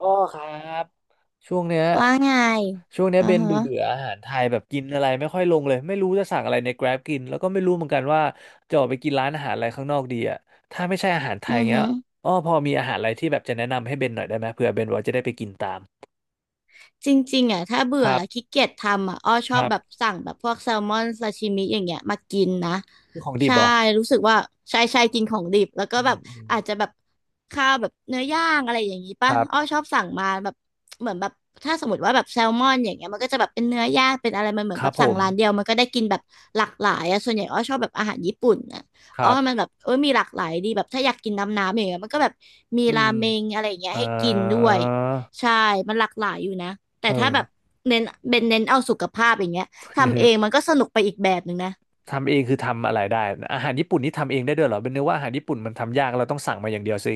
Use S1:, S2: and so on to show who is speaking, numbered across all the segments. S1: อ้อครับช่วงเนี้ย
S2: ว่าไง อือ
S1: เบน
S2: ฮะ
S1: เบื่อเบื่ออาหารไทยแบบกินอะไรไม่ค่อยลงเลยไม่รู้จะสั่งอะไรใน Grab กินแล้วก็ไม่รู้เหมือนกันว่าจะออกไปกินร้านอาหารอะไรข้างนอกดีอ่ะถ้าไม่ใช่อาหารไทย
S2: อือ
S1: เงี้ย
S2: ฮะ
S1: อ้อพอมีอาหารอะไรที่แบบจะแนะนำให้เบนหน่อยได้ไหมเผื่อเบนว่าจะได้ไปกินตาม
S2: จริงๆอ่ะถ้าเบื่
S1: ค
S2: อ
S1: รั
S2: แล้
S1: บ
S2: วขี้เกียจทำอ่ะอ้อช
S1: ค
S2: อบ
S1: รับ
S2: แบบสั่งแบบพวกแซลมอนซาชิมิอย่างเงี้ยมากินนะ
S1: ของดิบ
S2: ใช่
S1: เหรอ
S2: รู้สึกว่าใช่ใช่กินของดิบแล้วก็
S1: อื
S2: แบบ
S1: มอืม
S2: อาจจะแบบข้าวแบบเนื้อย่างอะไรอย่างงี้
S1: ค
S2: ป่ะ
S1: รั
S2: อ้อ
S1: บ
S2: ชอบสั่งมาแบบเหมือนแบบถ้าสมมติว่าแบบแซลมอนอย่างเงี้ยมันก็จะแบบเป็นเนื้อย่างเป็นอะไรมันเหมือ
S1: ค
S2: นแบ
S1: รับ
S2: บ
S1: ผ
S2: สั่ง
S1: ม
S2: ร้านเดียวมันก็ได้กินแบบหลากหลายอ่ะส่วนใหญ่อ้อชอบแบบอาหารญี่ปุ่นอ่ะ
S1: ค
S2: อ๋อ
S1: รับ
S2: มันแบบมีหลากหลายดีแบบถ้าอยากกินน้ำอย่างเงี้ยมันก็แบบมี
S1: อื
S2: รา
S1: ม
S2: เมงอะไรอย่างเงี้ย
S1: เอ่
S2: ให้กินด้ว
S1: อ
S2: ยใช่มันหลากหลายอยู่นะ แต่
S1: เอ
S2: ถ้า
S1: อ
S2: แบบเน้นเป็นเน้นเอาสุขภาพอย่างเงี้ยทำเองมันก็สนุกไปอีกแบบหนึ่งนะ
S1: ทำเองคือทำอะไรได้อาหารญี่ปุ่นนี่ทำเองได้ด้วยเหรอเป็นเนื้อว่าอาหารญี่ปุ่นมันทำยากเราต้องสั่งมาอย่างเดียวสิ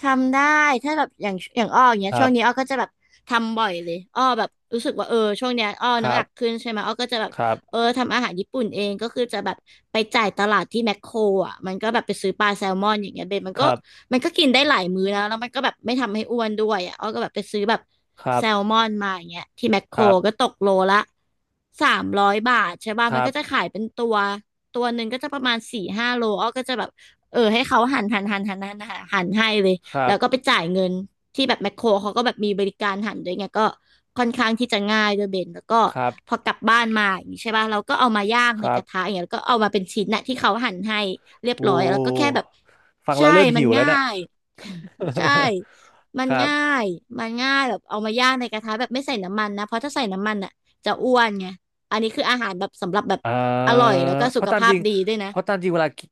S2: ทำได้ถ้าแบบอย่างอ้ออย่างเงี้
S1: ค
S2: ย
S1: รั
S2: ช่วงนี้อ้
S1: บ
S2: อก็จะแบบทำบ่อยเลยอ้อแบบรู้สึกว่าช่วงเนี้ยอ้อ
S1: ค
S2: น้ำ
S1: รั
S2: หนั
S1: บ
S2: กขึ้นใช่ไหมอ้อก็จะแบบ
S1: ครับ
S2: ทำอาหารญี่ปุ่นเองก็คือจะแบบไปจ่ายตลาดที่แมคโครอ่ะมันก็แบบไปซื้อปลาแซลมอนอย่างเงี้ยเบนมัน
S1: ค
S2: ก็
S1: รับ
S2: มันก็กินได้หลายมื้อนะแล้วมันก็แบบไม่ทำให้อ้วนด้วยอ่ะอ้อก็แบบไปซื้อแบบ
S1: ครั
S2: แซลม
S1: บ
S2: อนมาอย่างเงี้ยที่แมคโค
S1: ค
S2: ร
S1: รับ
S2: ก็ตกโลละสามร้อยบาทใช่ป่ะ
S1: ค
S2: มัน
S1: รั
S2: ก็จะ
S1: บ
S2: ขายเป็นตัวตัวหนึ่งก็จะประมาณสี่ห้าโลอ้อก็จะแบบให้เขาหั่นหั่นให้เลย
S1: ครั
S2: แล้วก็ไป
S1: บ
S2: จ่ายเงินที่แบบแมคโครเขาก็แบบมีบริการหันด้วยไงก็ค่อนข้างที่จะง่ายด้วยเบนแล้วก็
S1: ครับ
S2: พอกลับบ้านมาอย่างนี้ใช่ป่ะเราก็เอามาย่าง
S1: ค
S2: ใน
S1: รั
S2: ก
S1: บ
S2: ระทะอย่างเงี้ยแล้วก็เอามาเป็นชิ้นนะที่เขาหั่นให้เรียบ
S1: โว้
S2: ร้อยแล้วก็แค่แบบ
S1: ฟังแล้
S2: ใช่
S1: วเริ่ม
S2: มัน
S1: หิวแล้ว
S2: ง่า
S1: เนี่ย
S2: ย ใช่มัน
S1: ครับ
S2: ง่ายมันง่ายแบบเอามาย่างในกระทะแบบไม่ใส่น้ำมันนะเพราะถ้าใส่น้ำมันอ่ะจะอ้วนไงอันนี้คืออาหารแบบสำหรับแบบ
S1: อ่
S2: อ
S1: า
S2: ร่อยแล้วก็
S1: เพ
S2: สุข
S1: ราะตาม
S2: ภา
S1: จ
S2: พ
S1: ริง
S2: ดีด้วยนะ
S1: เพราะตามจริงเวลากิ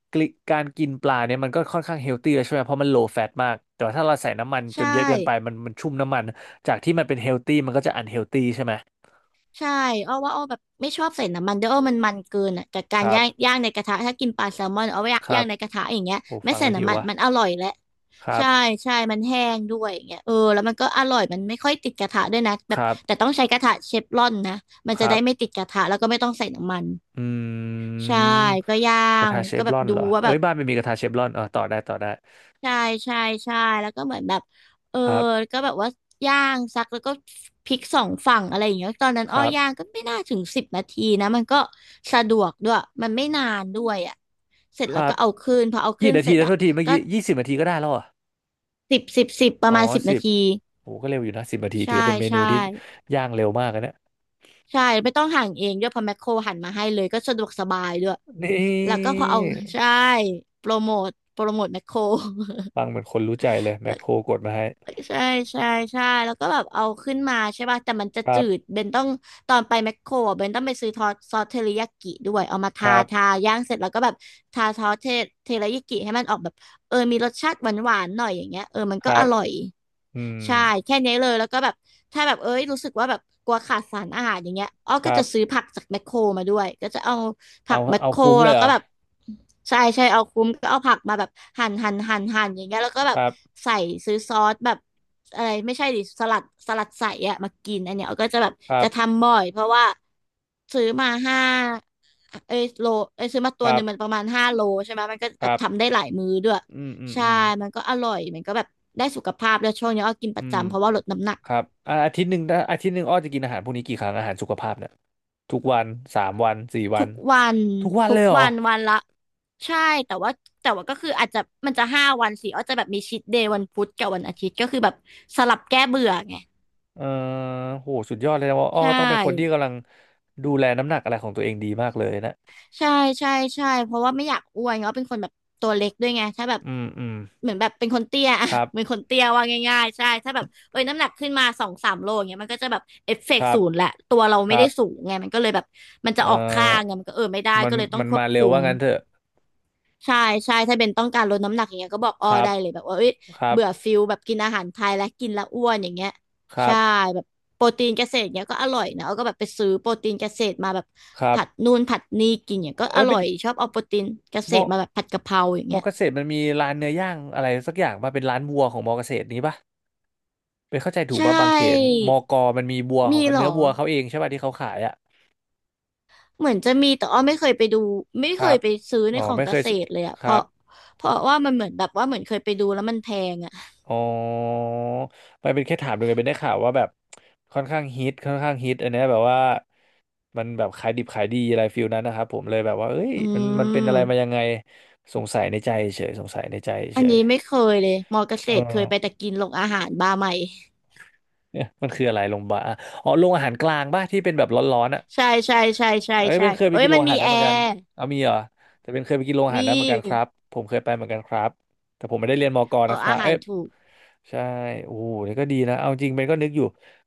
S1: การกินปลาเนี่ยมันก็ค่อนข้างเฮลตี้แล้วใช่ไหมเพราะมันโลแฟตมากแต่ว่าถ้าเราใส่น้ำมันจ
S2: ใช่
S1: นเยอะเกินไปมันชุ่มน้ำมันจากที่มันเป็นเฮลตี้มันก็จะอันเฮลตี้ใช่ไหม
S2: ใช่อ้อว่าอ้อแบบไม่ชอบใส่น้ำมันด้วยอ้อมันเกินอ่ะกับ
S1: ค
S2: การ
S1: รั
S2: ย่าง
S1: บ
S2: ย่างในกระทะถ้ากินปลาแซลมอนเอาไว้ย่าง
S1: ค
S2: ย่า
S1: รั
S2: ง
S1: บ
S2: ในกระทะอย่างเงี้ย
S1: โอ้
S2: ไม่
S1: ฟัง
S2: ใส่
S1: แล้วหิ
S2: น้ำ
S1: ว
S2: มัน
S1: ว่ะ
S2: มันอร่อยแหละ
S1: ครั
S2: ใช่
S1: บ
S2: ใช่มันแห้งด้วยอย่างเงี้ยแล้วมันก็อร่อยมันไม่ค่อยติดกระทะด้วยนะแบ
S1: ค
S2: บ
S1: รับ
S2: แต่ต้องใช้กระทะเชฟรอนนะมัน
S1: ค
S2: จะ
S1: รั
S2: ได้ไม่
S1: บ
S2: ติดกระทะแล้วก็ไม่ต้องใส่น้ำมัน
S1: อื
S2: ใช่
S1: ม
S2: ก็ย่า
S1: กระ
S2: ง
S1: ทะเช
S2: ก็
S1: ฟ
S2: แบ
S1: ร
S2: บ
S1: อน
S2: ดู
S1: เหรอ
S2: ว่า
S1: เอ้
S2: แบบ
S1: ยบ้านไม่มีกระทะเชฟรอนเออต่อได้ต่อได้
S2: ใช่ใช่ใช่แล้วก็เหมือนแบบเออ
S1: ครับ
S2: ก็แบบว่าย่างซักแล้วก็พลิกสองฝั่งอะไรอย่างเงี้ยตอนนั้น
S1: ค
S2: อ้
S1: รับ
S2: อย่างก็ไม่น่าถึงสิบนาทีนะมันก็สะดวกด้วยมันไม่นานด้วยอ่ะเสร็จ
S1: ค
S2: แล้ว
S1: รั
S2: ก็
S1: บ
S2: เอาขึ้นพอเอาขึ้
S1: กี่
S2: น
S1: นา
S2: เส
S1: ที
S2: ร็จ
S1: นะโท
S2: อ่ะ
S1: ษทีเมื่อ
S2: ก็
S1: กี้ยี่สิบนาทีก็ได้แล้วเหรอะ
S2: สิบประ
S1: อ๋อ
S2: มาณสิบ
S1: สิ
S2: นา
S1: บ
S2: ที
S1: โอ้ก็เร็วอยู่นะสิบนาที
S2: ใช่
S1: ถือเป็นเมนู
S2: ใช่
S1: ที่ย่างเร็วมากนะเนี่ย
S2: ใช่ไม่ต้องหั่นเองด้วยเพอแมคโครหั่นมาให้เลยก็สะดวกสบายด้วย
S1: นี่
S2: แล้วก็พอเอา ใช่โปรโมทแมคโคร
S1: ฟังเหมือนคนรู้ใจเลย แม
S2: แล้
S1: ค
S2: ว
S1: โครกดมาให้
S2: ใช่ใช่ใช่แล้วก็แบบเอาขึ้นมาใช่ป่ะแต่มันจะ
S1: ครั
S2: จื
S1: บ
S2: ดเบนต้องตอนไปแมคโครอะเบนต้องไปซื้อทอสซอสเทริยากิด้วยเอามา
S1: ค
S2: ทา
S1: รับ
S2: ทาย่างเสร็จแล้วก็แบบทาซอสเทริยากิให้มันออกแบบมีรสชาติหวานหวานหน่อยอย่างเงี้ยมัน
S1: ค
S2: ก็
S1: รั
S2: อ
S1: บ
S2: ร่อย
S1: อืม
S2: ใช่แค่นี้เลยแล้วก็แบบถ้าแบบเอ้ยรู้สึกว่าแบบกลัวขาดสารอาหารอย่างเงี้ยอ้อ
S1: ค
S2: ก็
S1: รั
S2: จะซื้อ
S1: บ
S2: ผักจากแมคโครมาด้วยก็จะเอา ผั
S1: เอา
S2: กแมค
S1: เอา
S2: โคร
S1: คุ้มเล
S2: แล้
S1: ย
S2: ว
S1: เหร
S2: ก็
S1: อ
S2: แบบใช่ใช่เอาคุ้มก็เอาผักมาแบบหั่นอย่างเงี้ยแล้วก็แบ
S1: ค
S2: บ
S1: รับ
S2: ใส่ซื้อซอสแบบอะไรไม่ใช่ดิสลัดสลัดใส่อะมากินอันเนี้ยเอาก็จะแบบ
S1: ครั
S2: จะ
S1: บ
S2: ทำบ่อยเพราะว่าซื้อมาห้าเอ้ยโลเอ้ยซื้อมาตั
S1: ค
S2: วห
S1: รับ
S2: นึ่งมันประมาณห้าโลใช่ไหมมันก็
S1: ค
S2: แบบ
S1: รับ
S2: ทำได้หลายมื้อด้วย
S1: อืมอืม
S2: ใช่
S1: อืม
S2: มันก็อร่อยมันก็แบบได้สุขภาพแล้วยช่วงนี้อ้อกินป
S1: อื
S2: ระ
S1: ม
S2: จำเพราะว่าลดน้ำหนัก
S1: ครับอ่าอาทิตย์หนึ่งนะอาทิตย์หนึ่งอ้อจะกินอาหารพวกนี้กี่ครั้งอาหารสุขภาพเนี่ยทุกวันสามวันสี่วั
S2: ทุ
S1: น
S2: กวัน
S1: ทุกวัน
S2: ทุ
S1: เล
S2: ก
S1: ยเหรอ
S2: วันวันละใช่แต่ว่าแต่ว่าก็คืออาจจะมันจะห้าวันสิอาจจะแบบมีชีทเดย์วันพุธกับวันอาทิตย์ก็คือแบบสลับแก้เบื่อไง
S1: เออโหสุดยอดเลยนะว่าอ้อ
S2: ใช่
S1: ก็ต้องเป็นคนที่กำลังดูแลน้ำหนักอะไรของตัวเองดีมากเลยนะ
S2: ใช่ใช่ใช่เพราะว่าไม่อยากอ้วนเนาะเป็นคนแบบตัวเล็กด้วยไงถ้าแบบ
S1: อืมอืม
S2: เหมือนแบบเป็นคนเตี้ยอะ
S1: ครั
S2: เหมือน
S1: บ
S2: คนเตี้ยว่าง่ายๆใช่ถ้าแบบเอ้ยน้ำหนักขึ้นมา2-3 โลอย่างเงี้ยมันก็จะแบบเอฟเฟ
S1: ค
S2: กต์
S1: รั
S2: ศู
S1: บ
S2: นย์แหละตัวเรา
S1: ค
S2: ไม่
S1: รั
S2: ได้สู
S1: บ
S2: งไงมันก็เลยแบบมัน
S1: เ
S2: จะออกข้าง
S1: ออ
S2: ไงมันก็เออไม่ได้
S1: มัน
S2: ก็เลยต้อง
S1: มัน
S2: ควบ
S1: มาเร็
S2: คุ
S1: ว
S2: ม
S1: ว่างั้นเถอะ
S2: ใช่ใช่ถ้าเป็นต้องการลดน้ำหนักอย่างเงี้ยก็บอก
S1: ค
S2: อ้อ
S1: รับ
S2: ได้เลยแบบว่าเอ้ย
S1: ครับ
S2: เบื่อฟิลแบบกินอาหารไทยและกินแล้วอ้วนอย่างเงี้ย
S1: ครั
S2: ใช่
S1: บ
S2: แบบโปรตีนเกษตรเงี้ยก็อร่อยนะเอาก็แบบไปซื้อโปรตีนเกษตรมาแบบ
S1: ครับ
S2: ผัดนู่นผัดนี่กินเนี่ยก็อ
S1: เอ้ย
S2: ร่
S1: เป็
S2: อ
S1: น
S2: ยชอบเอาโปรตีนเกษ
S1: ม
S2: ต
S1: อ
S2: รมาแบบผัดกะเพราอย่าง
S1: ม
S2: เงี้
S1: อ
S2: ย
S1: เกษตรมันมีร้านเนื้อย่างอะไรสักอย่างป่ะเป็นร้านวัวของมอเกษตรนี้ป่ะ เป็นเข้าใจถูก
S2: ใช่
S1: ป่ะบางเขนมอกอมันมีบัวของ
S2: มีเหร
S1: เนื้อ
S2: อ
S1: บัวเขาเองใช่ป่ะที่เขาขายอ่ะ
S2: เหมือนจะมีแต่อ้อไม่เคยไปดูไม่
S1: ค
S2: เค
S1: รั
S2: ย
S1: บ
S2: ไปซื้อใน
S1: อ๋อ
S2: ของ
S1: ไม่
S2: เก
S1: เคย
S2: ษ
S1: ส
S2: ตรเลยอะ
S1: ค
S2: เพ
S1: รั
S2: ราะ
S1: บ
S2: เพราะว่ามันเหมือนแบบว่าเหมือนเคยไปดูแล้วมันแพงอะ
S1: อ๋อมันเป็นแค่ถามดูไงเป็นได้ข่าวว่าแบบค่อนข้างฮิตอันเนี้ยแบบว่ามันแบบขายดิบขายดีอะไรฟิลนั้นนะครับผมเลยแบบว่าเอ้ย
S2: อื
S1: มันเป็นอะไรมายั
S2: ม
S1: งไงสงสัยในใจเฉยสงสัยในใจ
S2: อั
S1: เฉ
S2: น
S1: ย
S2: นี้ไม่เคยเลยมอเกษ
S1: เอ
S2: ตรเค
S1: อ
S2: ยไปแต่กินโรงอาหารบาร์ใหม่
S1: เนี่ยมันคืออะไรโรงพยาบาลอะอ๋อโรงอาหารกลางป่ะที่เป็นแบบร้อนๆอ่ะ
S2: ใช่ใช่ใช่ใช่
S1: เอ้ย
S2: ใช่
S1: เป็นเคยไป
S2: เอ้ย
S1: กินโร
S2: มั
S1: ง
S2: น
S1: อา
S2: มี
S1: หารนั้
S2: แอ
S1: นเหมือนกัน
S2: ร์
S1: เอามีเหรอแต่เป็นเคยไปกินโรงอา
S2: มี
S1: หารนั้นเหมือนกันครับผมเคยไปเหมือนกันครับแต่ผมไม่ได้เรียนมก
S2: เอ
S1: นะ
S2: อ
S1: ครั
S2: อา
S1: บ
S2: หา
S1: เอ้
S2: ร
S1: ย
S2: ถูก
S1: ใช่โอ้โหนี่ก็ดีนะเอาจริงเบนก็นึกอยู่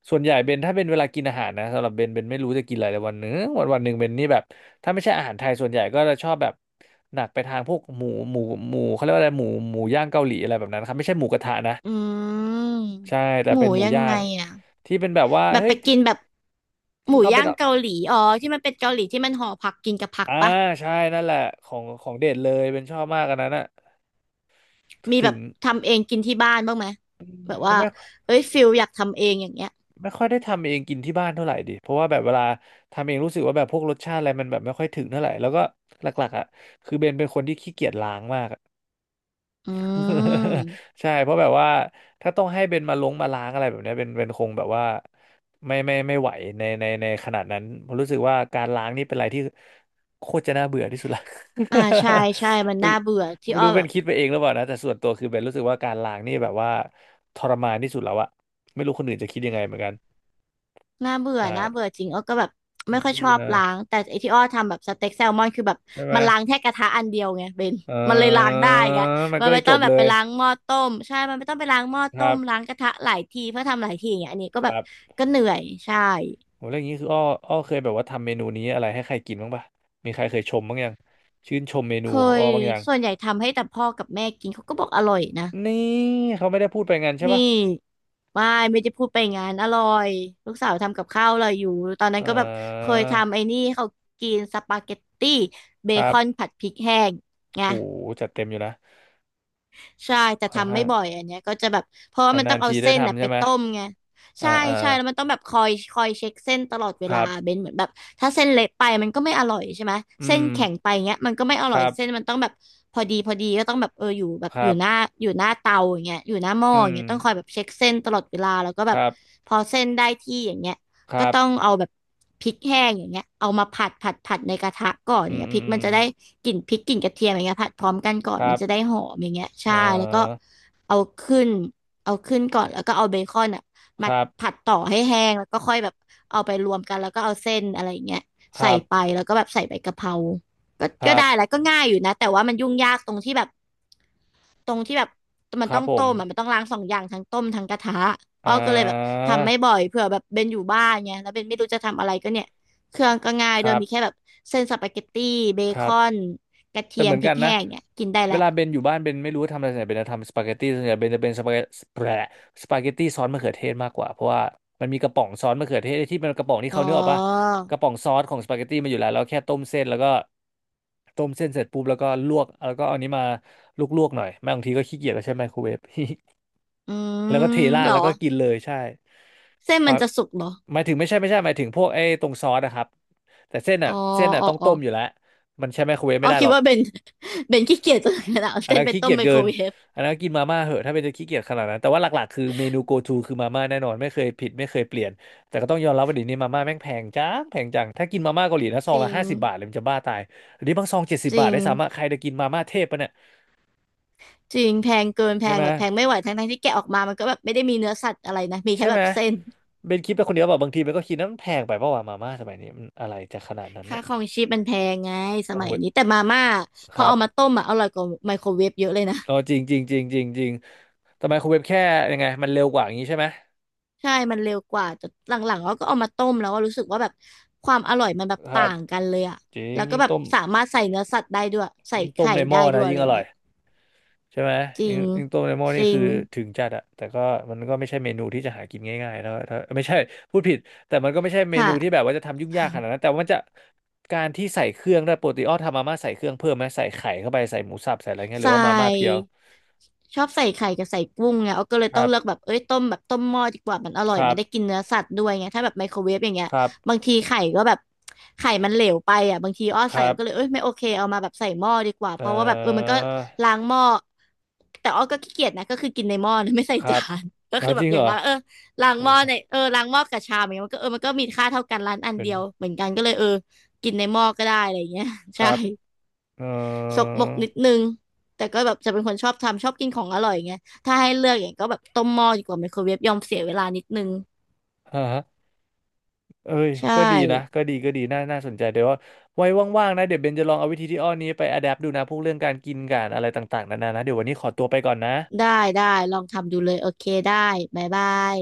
S1: ส่วนใหญ่เบนถ้าเป็นเวลากินอาหารนะสำหรับเบนเบนไม่รู้จะกินอะไรเลยวันหนึงวันหนึ่งเบนนี่แบบถ้าไม่ใช่อาหารไทยส่วนใหญ่ก็จะชอบแบบหนักไปทางพวกหมูหมูเขาเรียกว่าอะไรหมูหมูย่างเกาหลีอะไรแบบนั้นครับไม่ใช่หมูกระทะนะ
S2: อืม
S1: ใช่แต่
S2: หมู
S1: เป็นหมู
S2: ยัง
S1: ย่า
S2: ไง
S1: ง
S2: อ่ะ
S1: ที่เป็นแบบว่า
S2: แบบ
S1: เฮ้
S2: ไป
S1: ย
S2: กินแบบห
S1: ที่
S2: มู
S1: เขาเป็
S2: ย่า
S1: น
S2: งเกาหลีอ๋อที่มันเป็นเกาหลีที่มันห่อผักกินกับผัก
S1: อ่า
S2: ปะ
S1: ใช่นั่นแหละของของเด็ดเลยเป็นชอบมากอันนั้นอะ
S2: มีแบ
S1: ถึ
S2: บ
S1: ง
S2: ทำเองกินที่บ้านบ้างไหมแบบว่า
S1: ไม่
S2: เอ้ยฟิลอยากทำเองอย่างเงี้ย
S1: ไม่ค่อยได้ทำเองกินที่บ้านเท่าไหร่ดิเพราะว่าแบบเวลาทำเองรู้สึกว่าแบบพวกรสชาติอะไรมันแบบไม่ค่อยถึงเท่าไหร่แล้วก็หลักๆอะคือเบนเป็นคนที่ขี้เกียจล้างมาก
S2: อื ม
S1: ใช่เพราะแบบว่าถ้าต้องให้เบนมาลงมาล้างอะไรแบบเนี้ยเบนคงแบบว่าไม่ไม่ไม่ไหวในขนาดนั้นผมรู้สึกว่าการล้างนี่เป็นอะไรที่โคตรจะน่าเบื่อที่สุดละ
S2: อ่าใช่ใช่มัน
S1: ไม่
S2: น่าเบื่อที่
S1: ไม่
S2: อ้อ
S1: รู้เบ
S2: แบ
S1: น
S2: บ
S1: คิดไปเองหรือเปล่านะแต่ส่วนตัวคือเบนรู้สึกว่าการล้างนี่แบบว่าทรมานที่สุดแล้วอะไม่รู้คนอื่นจะคิดยังไงเหมือนกัน
S2: น่าเบื่อ
S1: ใช่
S2: น่าเบื่อจริงอ้อก็แบบ
S1: เอ
S2: ไม่ค่อยชอบ
S1: อ
S2: ล้างแต่ไอที่อ้อทำแบบสเต็กแซลมอนคือแบบ
S1: ใช่ไหม
S2: มันล้างแค่กระทะอันเดียวไงเบน
S1: เอ
S2: มันเลยล้าง
S1: อ
S2: ได้ไง
S1: มัน
S2: มั
S1: ก็
S2: น
S1: เล
S2: ไม่
S1: ยจ
S2: ต้อง
S1: บ
S2: แบบ
S1: เล
S2: ไป
S1: ย
S2: ล้างหม้อต้มใช่มันไม่ต้องไปล้างหม้อ
S1: ค
S2: ต้
S1: รั
S2: มล้าง
S1: บ
S2: กระทะหลายทีเพื่อทำหลายทีอย่างเงี้ยอันนี้ก็
S1: ค
S2: แบบ
S1: รับ
S2: ก็เหนื่อยใช่
S1: โหแล้วอย่างนี้คืออ้ออ้อเคยแบบว่าทำเมนูนี้อะไรให้ใครกินบ้างปะมีใครเคยชมบ้างยังชื่นชมเม
S2: เค
S1: นูของอ้
S2: ย
S1: อบ้างยัง
S2: ส่วนใหญ่ทำให้แต่พ่อกับแม่กินเขาก็บอกอร่อยนะ
S1: นี่เขาไม่ได้พูดไปงั้นใช่ปะ
S2: นี่ไม่ไม่จะพูดไปงานอร่อยลูกสาวทำกับข้าวอร่อยอยู่ตอนนั้
S1: เอ
S2: นก็แบบเค
S1: อ
S2: ยทำไอ้นี่ให้เขากินสปาเกตตี้เบ
S1: ครั
S2: คอน
S1: บ
S2: ผัดพริกแห้งไง
S1: โหจัดเต็มอยู่นะ
S2: ใช่แต่
S1: ค่อน
S2: ทำไม่
S1: ข้าง
S2: บ่อยอันเนี้ยก็จะแบบเพราะว่ามันต้
S1: นา
S2: อง
S1: นๆ
S2: เอา
S1: ทีได้
S2: เส้นน่ะ
S1: ทำ
S2: ไป
S1: ใช่ไหม
S2: ต้มไง
S1: อ่า
S2: ใช่
S1: อ่า
S2: ใช่แล้วมันต้องแบบคอยคอยเช็คเส้นตลอดเว
S1: ค
S2: ลา
S1: รับ
S2: เบนเหมือนแบบถ้าเส้นเละไปมันก็ไม่อร่อยใช่ไหม
S1: อื
S2: เส้น
S1: ม
S2: แข็งไปเงี้ยมันก็ไม่อ
S1: ค
S2: ร่อย
S1: รับ
S2: เส้นมันต้องแบบพอดีพอดีก็ต้องแบบเอออยู่แบบ
S1: ค
S2: อ
S1: รั
S2: ยู่หน้า
S1: บ
S2: อยู่หน้าเตาอย่างเงี้ยอยู่หน้าหม้อ
S1: อื
S2: อย่าง
S1: ม
S2: เงี้ยต้องคอยแบบเช็คเส้นตลอดเวลาแล้วก็
S1: ค
S2: แบบ
S1: รับ
S2: พอเส้นได้ที่อย่างเงี้ย
S1: ค
S2: ก็
S1: รับ
S2: ต้องเอาแบบพริกแห้งอย่างเงี้ยเอามาผัดผัดผัดในกระทะก่อนอ
S1: อื
S2: ย่าง
S1: ม
S2: เงี้ย
S1: อื
S2: พ
S1: ม
S2: ริก
S1: อื
S2: มัน
S1: ม
S2: จะได้กลิ่นพริกกลิ่นกระเทียมอย่างเงี้ยผัดพร้อมกันก่อน
S1: ครั
S2: มัน
S1: บ
S2: จะได้หอมอย่างเงี้ย
S1: เอ
S2: ใช่แล้วก็
S1: อ
S2: เอาขึ้นเอาขึ้นก่อนแล้วก็เอาเบคอนอ่ะ
S1: ค
S2: มา
S1: รับ
S2: ผัดต่อให้แห้งแล้วก็ค่อยแบบเอาไปรวมกันแล้วก็เอาเส้นอะไรอย่างเงี้ย
S1: ค
S2: ใส่
S1: รับ
S2: ไปแล้วก็แบบใส่ใบกะเพราก็
S1: ค
S2: ก็
S1: รั
S2: ได้
S1: บ
S2: แล้วก็ง่ายอยู่นะแต่ว่ามันยุ่งยากตรงที่แบบ ตรงที่แบบมัน
S1: ครั
S2: ต้อ
S1: บ
S2: ง
S1: ผ
S2: ต้
S1: ม
S2: มอะมันต้องล้างสองอย่างทั้งต้มทั้งกระทะอ้
S1: อ่
S2: อก็เลยแบบ
S1: า
S2: ทำไม่บ่อยเผื่อแบบเบนอยู่บ้านไงแล้วเบนไม่รู้จะทำอะไรก็เนี่ยเครื่องก็ง่าย
S1: ค
S2: โดย
S1: รั
S2: มีแค่
S1: บ
S2: แบบเส้นสปาเกตตี้เบ
S1: ค
S2: ค
S1: รับ
S2: อนกระ
S1: แต่
S2: เทีย
S1: เห
S2: ม
S1: มือน
S2: พริ
S1: กั
S2: ก
S1: นนะ
S2: แห้งเนี่ยกินได้
S1: เว
S2: แล้ว
S1: ลาเบนอยู่บ้านเบนไม่รู้ว่าทำอะไรส่วนใหญ่เบนจะทำสปาเกตตี้ส่วนใหญ่เบนจะเป็นแปรสปาเกตตี้ซอสมะเขือเทศมากกว่าเพราะว่ามันมีกระป๋องซอสมะเขือเทศที่เป็นกระป๋องที่
S2: อ๋อ
S1: เขาเนื้อออกป่ะกระป๋องซอสของสปาเกตตี้มาอยู่แล้วเราแค่ต้มเส้นแล้วก็ต้มเส้นเสร็จปุ๊บแล้วก็ลวกแล้วก็เอาอันนี้มาลวกๆหน่อยแม่บางทีก็ขี้เกียจแล้วใช้ไมโครเวฟ
S2: อื
S1: แล้วก็
S2: ม
S1: เทรา
S2: เห
S1: ด
S2: รอ
S1: แล้วก็กินเลยใช่
S2: เส้น
S1: ค
S2: มั
S1: วา
S2: น
S1: ม
S2: จะสุกเหรอ
S1: หมายถึงไม่ใช่ไม่ใช่หมายถึงพวกไอ้ตรงซอสนะครับแต่เส้น
S2: อ๋
S1: อ่ะ
S2: อ
S1: เส้นอ่ะ
S2: อ๋อ
S1: ต้อง
S2: อ๋อ
S1: ต้มอยู่แล้วมันใช้ไมโครเวฟ
S2: อ๋อ
S1: ไม่ได้
S2: คิ
S1: ห
S2: ด
S1: รอก
S2: ว่าเบน เบนขี้เกียจจนขนาดเอา
S1: อัน
S2: เส้น
S1: นั้น
S2: ไป
S1: ขี้
S2: ต้ม
S1: เกียจ
S2: ไมโค
S1: เกิ
S2: ร
S1: น
S2: เวฟ
S1: อันนั้นกินมาม่าเหอะถ้าเป็นจะขี้เกียจขนาดนั้นแต่ว่าหลักๆคือเมนู go to คือมาม่าแน่นอนไม่เคยผิดไม่เคยเปลี่ยนแต่ก็ต้องยอมรับว่าเดี๋ยวนี้มาม่าแม่งแพงจังแพงจังถ้ากินมาม่าเกาหลีนะซ
S2: จ
S1: อง
S2: ริ
S1: ละ
S2: ง
S1: 50 บาทเลยมันจะบ้าตายอันนี้บางซองเจ็ดสิบ
S2: จ
S1: บา
S2: ริ
S1: ท
S2: ง
S1: ได้สามารถใครจะกินมาม่าเทพปะเนี่ย
S2: จริงแพงเกินแพ
S1: ใช่
S2: ง
S1: ไหม
S2: แบบแพงไม่ไหวทั้งทั้งที่แกะออกมามันก็แบบไม่ได้มีเนื้อสัตว์อะไรนะมีแค่
S1: ใช่
S2: แบ
S1: ไหม
S2: บเส้น
S1: เบนคิดไปคนเดียวแบบบางทีเบนก็คิดนะมันแพงไปเพราะว่ามาม่าสมัยนี้มันอะไรจะขนาดนั้น
S2: ค่า
S1: เนี่ย
S2: ครองชีพมันแพงไง ส
S1: โอ้
S2: มั
S1: โห
S2: ยนี้แต่มาม่าพ
S1: ค
S2: อ
S1: รั
S2: เอา
S1: บ
S2: มาต้มอ่ะอร่อยกว่าไมโครเวฟเยอะเลยนะ
S1: เออจริงจริงจริงจริงจริงทำไมคุณเว็บแค่ยังไงมันเร็วกว่าอย่างนี้ใช่ไหม
S2: ใช่ มันเร็วกว่าแต่หลังๆเราก็เอามาต้มแล้วว่ารู้สึกว่าแบบความอร่อยมันแบบ
S1: ครั
S2: ต่า
S1: บ
S2: งกันเลยอะ
S1: จริง
S2: แล้วก็
S1: ยิ่ง
S2: แบบ
S1: ต้ม
S2: สามารถใส่เนื้อสัตว์ได้ด้วยใส่
S1: ยิ่งต้ม
S2: ไข่
S1: ในห
S2: ได้
S1: ม้อ
S2: ด้ว
S1: นะ
S2: ยอะ
S1: ยิ่
S2: ไร
S1: งอร่อ
S2: เงี้
S1: ย
S2: ย
S1: ใช่ไหม
S2: จริ
S1: ยิง
S2: ง
S1: อิงต้มเลมอน
S2: จ
S1: นี่
S2: ริ
S1: คื
S2: ง
S1: อถึงจัดอะแต่ก็มันก็ไม่ใช่เมนูที่จะหากินง่ายๆแล้วถ้าไม่ใช่พูดผิดแต่มันก็ไม่ใช่เม
S2: ค่ะ
S1: นูที่แบบว่าจะทำยุ่งยากขนาดนั้นแต่ว่ามันจะการที่ใส่เครื่องได้วยปกติอ้อทำมาม่าใส่เครื่องเพิ่มไหมใส่ไข่เข้าไปใส่หมูสับใส่อะไรเงี้ยหรื
S2: ใส่
S1: อว่ามาม่าเพียว
S2: ชอบใส่ไข่กับใส่กุ้งไงเอาก็เลย
S1: ค
S2: ต้อ
S1: รั
S2: ง
S1: บ
S2: เลือกแบบเอ้ยต้มแบบต้มหม้อดีกว่ามันอร่อ
S1: ค
S2: ย
S1: รั
S2: มัน
S1: บ
S2: ได้กินเนื้อสัตว์ด้วยไงถ้าแบบไมโครเวฟอย่างเงี้ย
S1: ครับ
S2: บางทีไข่ก็แบบไข่มันเหลวไปอ่ะบางทีอ้อ
S1: ค
S2: ใส่
S1: รั
S2: เอาก็เลยเอ้
S1: บ
S2: ยไม่โอเคเอามาแบบใส่หม้อดีกว่าเพ
S1: เอ่
S2: ราะว่าแบบเออมันก็
S1: อ
S2: ล้างหม้อแต่อ้อก็ขี้เกียจนะก็คือกินในหม้อนะ ไม่ใส่
S1: ครั
S2: จา
S1: บ
S2: น ก็
S1: เอา
S2: คือแบ
S1: จ
S2: บ
S1: ริง
S2: อ
S1: เห
S2: ย่า
S1: ร
S2: ง
S1: อ
S2: น้อยเออล้าง
S1: โอ้
S2: หม้อ
S1: โห
S2: ในเออล้างหม้อกับชามอย่างเงี้ยมันก็เออมันก็มีค่าเท่ากันร้านอัน
S1: เป็น
S2: เดียวเหมือนกันก็เลยเออกินในหม้อก็ได้อะไรอย่างเงี้ย
S1: ค
S2: ใช่
S1: รับเอ่
S2: สกมกนิดนึงแต่ก็แบบจะเป็นคนชอบทำชอบกินของอร่อยไงถ้าให้เลือกอย่างก็แบบต้มหม้อดีกว่าไมโครเวฟยอมเสียเวลานิดนึง
S1: อ เอ้ย
S2: ใช่
S1: ก็ดีนะก็ดีก็ดีน่าน่าสนใจเดี๋ยวว่าไว้ว่างๆนะเดี๋ยวเบนจะลองเอาวิธีที่อ้อนี้ไปอ d ด p t ดูนะพวกเรื่องการกินการอะไรต่างๆนานานะเดี๋ยววันนี้ขอตัวไปก่อนนะ
S2: ได้ได้ลองทำดูเลยโอเคได้บ๊ายบาย